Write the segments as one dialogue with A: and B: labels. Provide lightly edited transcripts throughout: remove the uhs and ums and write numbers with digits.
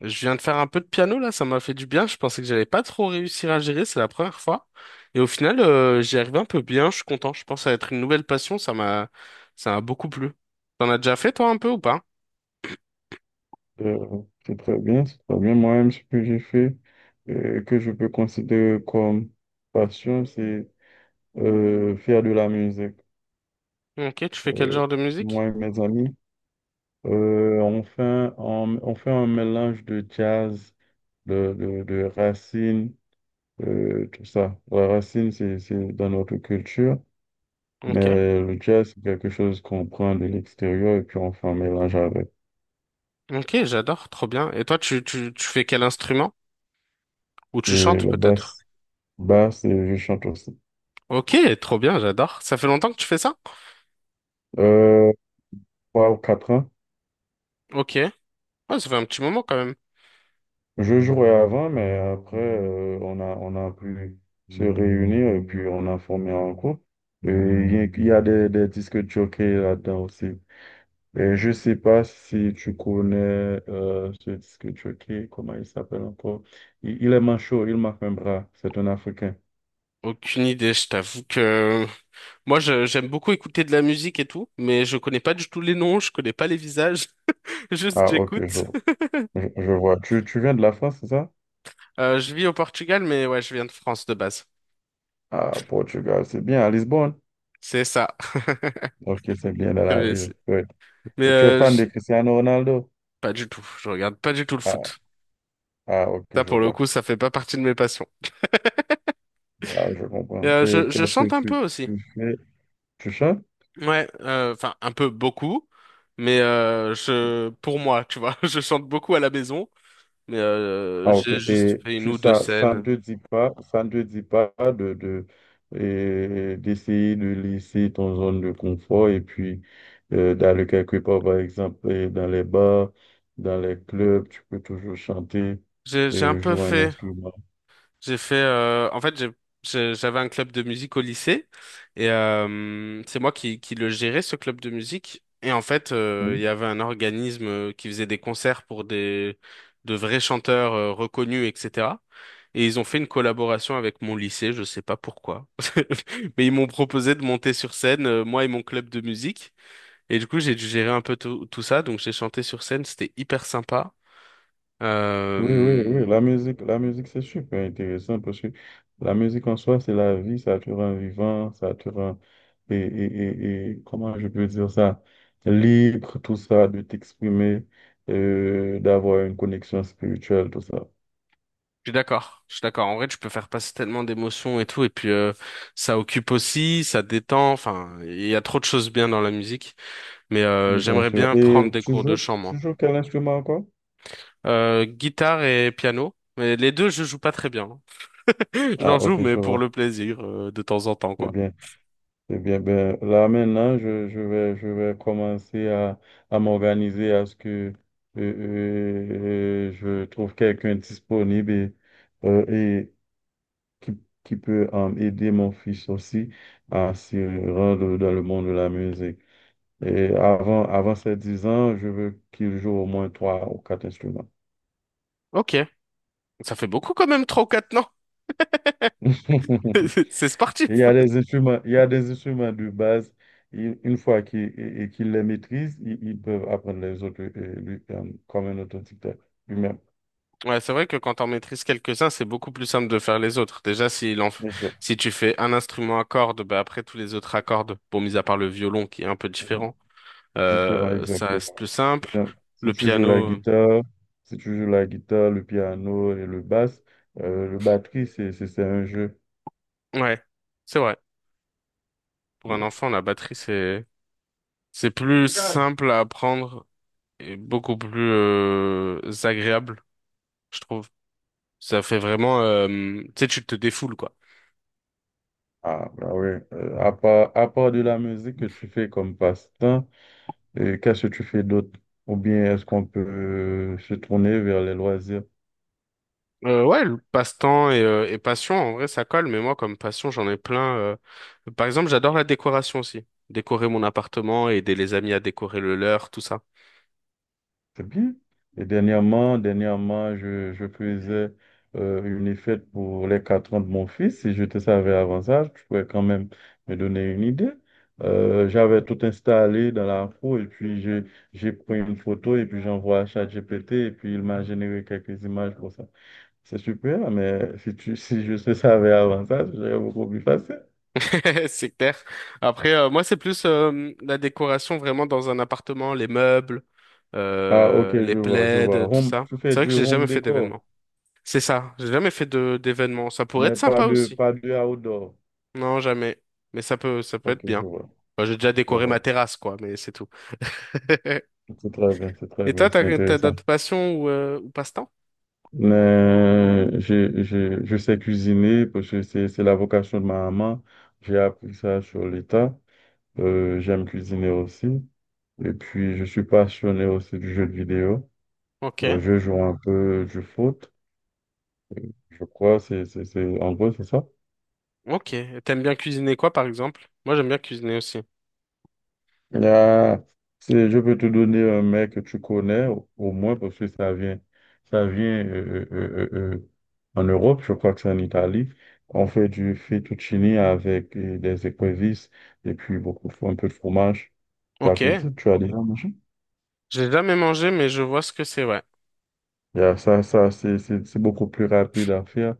A: Je viens de faire un peu de piano là, ça m'a fait du bien. Je pensais que j'allais pas trop réussir à gérer, c'est la première fois. Et au final, j'y arrive un peu bien, je suis content. Je pense que ça va être une nouvelle passion, ça m'a beaucoup plu. T'en as déjà fait toi un peu ou pas?
B: Euh, c'est très bien, c'est très bien. Moi-même, ce que j'ai fait, que je peux considérer comme passion, c'est faire de la musique.
A: Ok, tu fais quel
B: Euh,
A: genre de musique?
B: Moi et mes amis, on fait, on fait un mélange de jazz, de racines, tout ça. La racine, c'est dans notre culture,
A: Ok.
B: mais le jazz, c'est quelque chose qu'on prend de l'extérieur et puis on fait un mélange avec.
A: Ok, j'adore, trop bien. Et toi, tu fais quel instrument? Ou tu
B: Et
A: chantes
B: le
A: peut-être?
B: basse, basse, et je chante aussi.
A: Ok, trop bien, j'adore. Ça fait longtemps que tu fais ça?
B: Euh, 3 ou 4 ans.
A: Ok. Ouais, ça fait un petit moment quand même.
B: Je jouais avant, mais après, on a pu se réunir et puis on a formé un groupe. Et il y a des disques jockeys là-dedans aussi. Et je sais pas si tu connais ce disque jockey, comment il s'appelle encore. Il est manchot, il marque un bras, c'est un Africain.
A: Aucune idée, je t'avoue que j'aime beaucoup écouter de la musique et tout, mais je connais pas du tout les noms, je connais pas les visages, juste
B: Ah, ok,
A: j'écoute.
B: je vois. Tu viens de la France, c'est ça?
A: Je vis au Portugal, mais ouais, je viens de France de base.
B: Ah, Portugal, c'est bien, à Lisbonne.
A: C'est ça.
B: Ok, c'est bien dans
A: Comme
B: la
A: les-
B: ville, ouais.
A: Mais
B: Et tu es
A: euh,
B: fan de
A: je-
B: Cristiano Ronaldo?
A: Pas du tout. Je regarde pas du tout le
B: Ah,
A: foot.
B: ah, ok,
A: Ça,
B: je
A: pour le
B: vois.
A: coup, ça fait pas partie de mes passions.
B: Ah, je
A: Et,
B: comprends. Et
A: je
B: qu'est-ce que
A: chante un peu aussi.
B: tu fais? Tu chantes?
A: Ouais, enfin un peu beaucoup, je, pour moi, tu vois, je chante beaucoup à la maison,
B: Ah, ok.
A: j'ai juste
B: Et
A: fait une
B: tu,
A: ou deux
B: ça ne
A: scènes.
B: te dit pas, ça ne te dit pas de, et d'essayer de laisser ton zone de confort et puis d'aller quelque part, par exemple, dans les bars, dans les clubs, tu peux toujours chanter,
A: J'ai un peu
B: jouer un
A: fait.
B: instrument.
A: J'ai fait, en fait, j'avais un club de musique au lycée et c'est moi qui le gérais, ce club de musique. Et en fait, il y avait un organisme qui faisait des concerts pour des, de vrais chanteurs reconnus, etc. Et ils ont fait une collaboration avec mon lycée, je sais pas pourquoi. Mais ils m'ont proposé de monter sur scène, moi et mon club de musique. Et du coup, j'ai dû gérer un peu tout, tout ça. Donc, j'ai chanté sur scène, c'était hyper sympa.
B: Oui, oui, oui,
A: Euh,
B: la musique, c'est super intéressant parce que la musique en soi, c'est la vie, ça te rend vivant, ça te rend, et, et, et comment je peux dire ça, libre, tout ça, de t'exprimer, d'avoir une connexion spirituelle, tout ça.
A: Je suis d'accord, je suis d'accord. En vrai, tu peux faire passer tellement d'émotions et tout, et puis ça occupe aussi, ça détend. Enfin, il y a trop de choses bien dans la musique,
B: Bien
A: j'aimerais
B: sûr.
A: bien
B: Et
A: prendre des cours de chant, moi.
B: tu joues quel instrument encore?
A: Guitare et piano, mais les deux, je joue pas très bien. Je l'en
B: Ah,
A: joue,
B: ok,
A: mais
B: je
A: pour le
B: vois.
A: plaisir, de temps en temps,
B: C'est
A: quoi.
B: bien. Eh bien, ben, là maintenant, je vais commencer à m'organiser à ce que euh, je trouve quelqu'un disponible et qui, qui peut aider mon fils aussi à se rendre dans le monde de la musique. Et avant, avant ses 10 ans, je veux qu'il joue au moins trois ou quatre instruments.
A: Ok, ça fait beaucoup quand même, trois ou quatre, non? C'est
B: Il
A: sportif.
B: y a des instruments, il y a des instruments de base. Une fois et qu'ils les maîtrisent, ils peuvent apprendre les autres comme un authentique lui-même.
A: Ouais, c'est vrai que quand on maîtrise quelques-uns, c'est beaucoup plus simple de faire les autres. Déjà,
B: Exact.
A: si tu fais un instrument à cordes, bah après tous les autres à cordes, bon, mis à part le violon qui est un peu différent,
B: Différent,
A: ça reste plus
B: exactement.
A: simple.
B: Bien. Si
A: Le
B: tu joues la
A: piano,
B: guitare, si tu joues la guitare, le piano et le basse, le batterie, c'est un jeu.
A: ouais, c'est vrai. Pour un
B: Euh,
A: enfant, la batterie, c'est plus simple à apprendre et beaucoup plus, agréable, je trouve. Ça fait vraiment, tu sais, tu te défoules, quoi.
B: Ah, bah oui. À part de la musique que tu fais comme passe-temps, qu'est-ce que tu fais d'autre? Ou bien est-ce qu'on peut se tourner vers les loisirs?
A: Ouais, le passe-temps et passion, en vrai, ça colle, mais moi, comme passion, j'en ai plein. Par exemple, j'adore la décoration aussi. Décorer mon appartement, aider les amis à décorer le leur, tout ça.
B: C'est bien. Et dernièrement, dernièrement, je faisais une fête pour les 4 ans de mon fils. Si je te savais avant ça, tu pourrais quand même me donner une idée. J'avais tout installé dans la roue et puis j'ai pris une photo et puis j'envoie à ChatGPT et puis il m'a généré quelques images pour ça. C'est super, mais si tu, si je te savais avant ça, serait beaucoup plus facile.
A: C'est clair. Après, moi, c'est plus la décoration vraiment dans un appartement, les meubles,
B: Ah, ok,
A: les
B: je vois, je
A: plaids,
B: vois.
A: tout
B: Home,
A: ça.
B: tu fais
A: C'est vrai que
B: du
A: j'ai jamais
B: home
A: fait d'événement.
B: décor,
A: C'est ça, j'ai jamais fait de d'événement. Ça pourrait
B: mais
A: être
B: pas
A: sympa
B: de,
A: aussi.
B: pas de outdoor.
A: Non, jamais. Mais ça peut
B: Ok,
A: être
B: je
A: bien.
B: vois,
A: Enfin, j'ai déjà
B: je
A: décoré ma
B: vois.
A: terrasse, quoi, mais c'est tout.
B: C'est très bien, c'est très
A: Et toi,
B: bien, c'est
A: t'as
B: intéressant.
A: d'autres passions ou passe-temps?
B: Je sais cuisiner parce que c'est la vocation de ma maman. J'ai appris ça sur l'État. J'aime cuisiner aussi. Et puis, je suis passionné aussi du jeu de vidéo.
A: Ok.
B: Je joue un peu du foot, je crois. C'est, en gros, c'est ça.
A: Ok. Et t'aimes bien cuisiner quoi, par exemple? Moi, j'aime bien cuisiner aussi.
B: Ah, c'est- je peux te donner un mec que tu connais, au moins parce que ça vient en Europe, je crois que c'est en Italie. On fait du fettuccine avec des écrevisses et puis beaucoup, de un peu de fromage.
A: Ok.
B: Tu as dit,
A: J'ai jamais mangé, mais je vois ce que c'est, ouais.
B: Yeah, c'est beaucoup plus rapide à faire.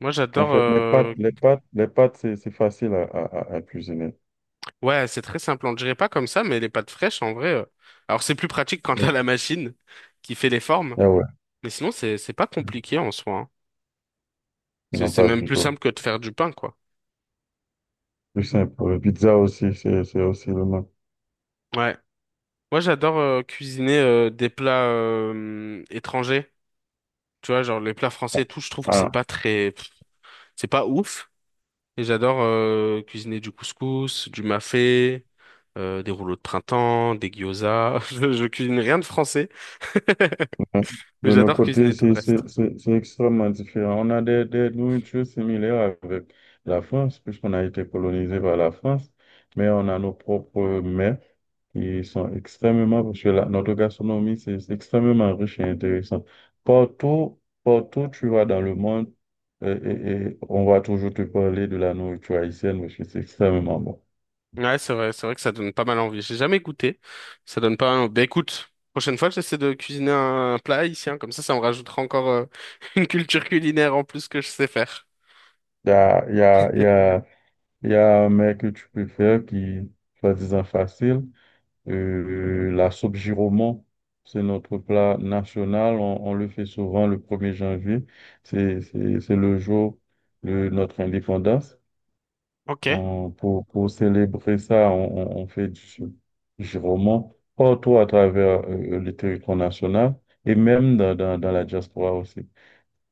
A: Moi,
B: En
A: j'adore.
B: fait, les pâtes, c'est facile à cuisiner.
A: Ouais, c'est très simple. On ne dirait pas comme ça, mais les pâtes fraîches, en vrai. Alors, c'est plus pratique quand t'as la machine qui fait les formes.
B: Ah ouais,
A: Mais sinon, c'est pas compliqué en soi. Hein. C'est
B: non,
A: c'est
B: pas
A: même
B: du
A: plus
B: tout.
A: simple que de faire du pain, quoi.
B: Plus simple. Pizza aussi, c'est aussi le même.
A: Ouais. Moi, j'adore cuisiner des plats étrangers. Tu vois, genre les plats français et tout, je trouve que c'est
B: Ah,
A: pas très... pff, c'est pas ouf. Et j'adore cuisiner du couscous, du mafé, des rouleaux de printemps, des gyozas. Je cuisine rien de français,
B: Bon,
A: mais
B: De nos
A: j'adore
B: côtés,
A: cuisiner tout le reste.
B: c'est extrêmement différent. On a des nourritures similaires avec la France, puisqu'on a été colonisé par la France, mais on a nos propres mets qui sont extrêmement, parce que la- notre gastronomie, c'est extrêmement riche et intéressant. Partout, partout, tu vas dans le monde, et on va toujours te parler de la nourriture haïtienne, parce que c'est extrêmement bon. Il
A: Ouais, c'est vrai que ça donne pas mal envie. J'ai jamais goûté. Ça donne pas mal envie. Bah écoute, prochaine fois, j'essaie de cuisiner un plat haïtien. Comme ça me rajoutera encore une culture culinaire en plus que je sais faire.
B: y a, il y a, il y a, Il y a un mec que tu préfères qui, soi-disant facile, la soupe giraumon, c'est notre plat national, on le fait souvent le premier janvier, c'est le jour de notre indépendance.
A: Ok,
B: Pour célébrer ça, on fait du roman partout à travers le territoire national et même dans la diaspora aussi.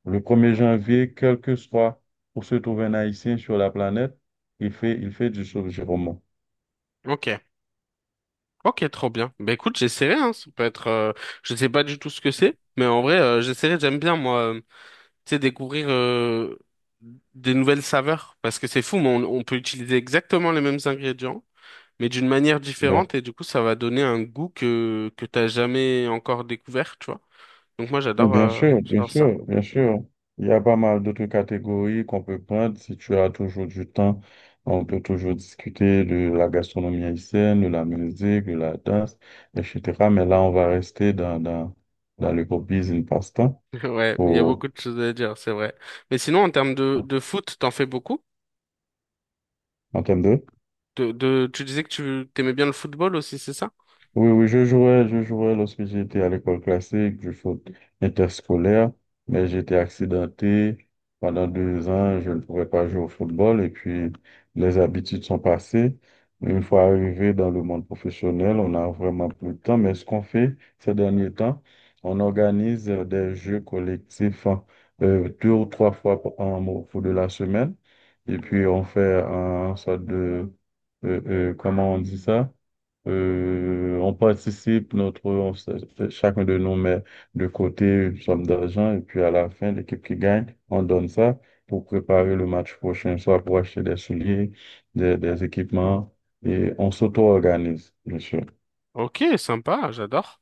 B: Le premier janvier, quel que soit où se trouve un Haïtien sur la planète, il fait du roman.
A: ok. Ok, trop bien. Bah écoute, j'essaierai, hein. Ça peut être, je sais pas du tout ce que c'est, mais en vrai, j'essaierai. J'aime bien moi, tu sais, découvrir des nouvelles saveurs parce que c'est fou, mais on peut utiliser exactement les mêmes ingrédients, mais d'une manière différente et du coup, ça va donner un goût que t'as jamais encore découvert, tu vois. Donc moi, j'adore,
B: Bien sûr, bien
A: j'adore ça.
B: sûr, bien sûr. Il y a pas mal d'autres catégories qu'on peut prendre. Si tu as toujours du temps, on peut toujours discuter de la gastronomie haïtienne, de la musique, de la danse, etc. Mais là, on va rester dans le pop business passe-temps
A: Ouais, il y a
B: pour,
A: beaucoup de choses à dire, c'est vrai. Mais sinon, en termes de foot, t'en fais beaucoup?
B: en termes de
A: Tu disais que tu t'aimais bien le football aussi, c'est ça?
B: Oui, oui, je jouais lorsque j'étais à l'école classique, du foot interscolaire, mais j'étais accidenté. Pendant deux ans, je ne pouvais pas jouer au football et puis les habitudes sont passées. Une fois arrivé dans le monde professionnel, on n'a vraiment plus le temps, mais ce qu'on fait ces derniers temps, on organise des jeux collectifs hein, deux ou trois fois au cours de la semaine et puis on fait un sorte de, euh, comment on dit ça? On participe, notre, chacun de nous met de côté une somme d'argent et puis à la fin, l'équipe qui gagne, on donne ça pour préparer le match prochain, soit pour acheter des souliers, des équipements et on s'auto-organise, bien sûr.
A: Ok, sympa, j'adore.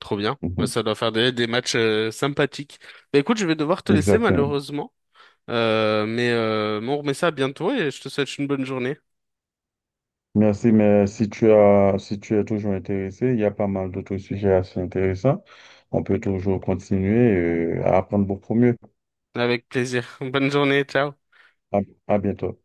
A: Trop bien. Ouais,
B: Mhm.
A: ça doit faire des matchs sympathiques. Bah, écoute, je vais devoir te laisser
B: Exactement.
A: malheureusement. Mais on remet ça bientôt et je te souhaite une bonne journée.
B: Merci, mais si tu as, si tu es toujours intéressé, il y a pas mal d'autres sujets assez intéressants. On peut toujours continuer à apprendre beaucoup mieux.
A: Avec plaisir. Bonne journée, ciao.
B: À, à bientôt.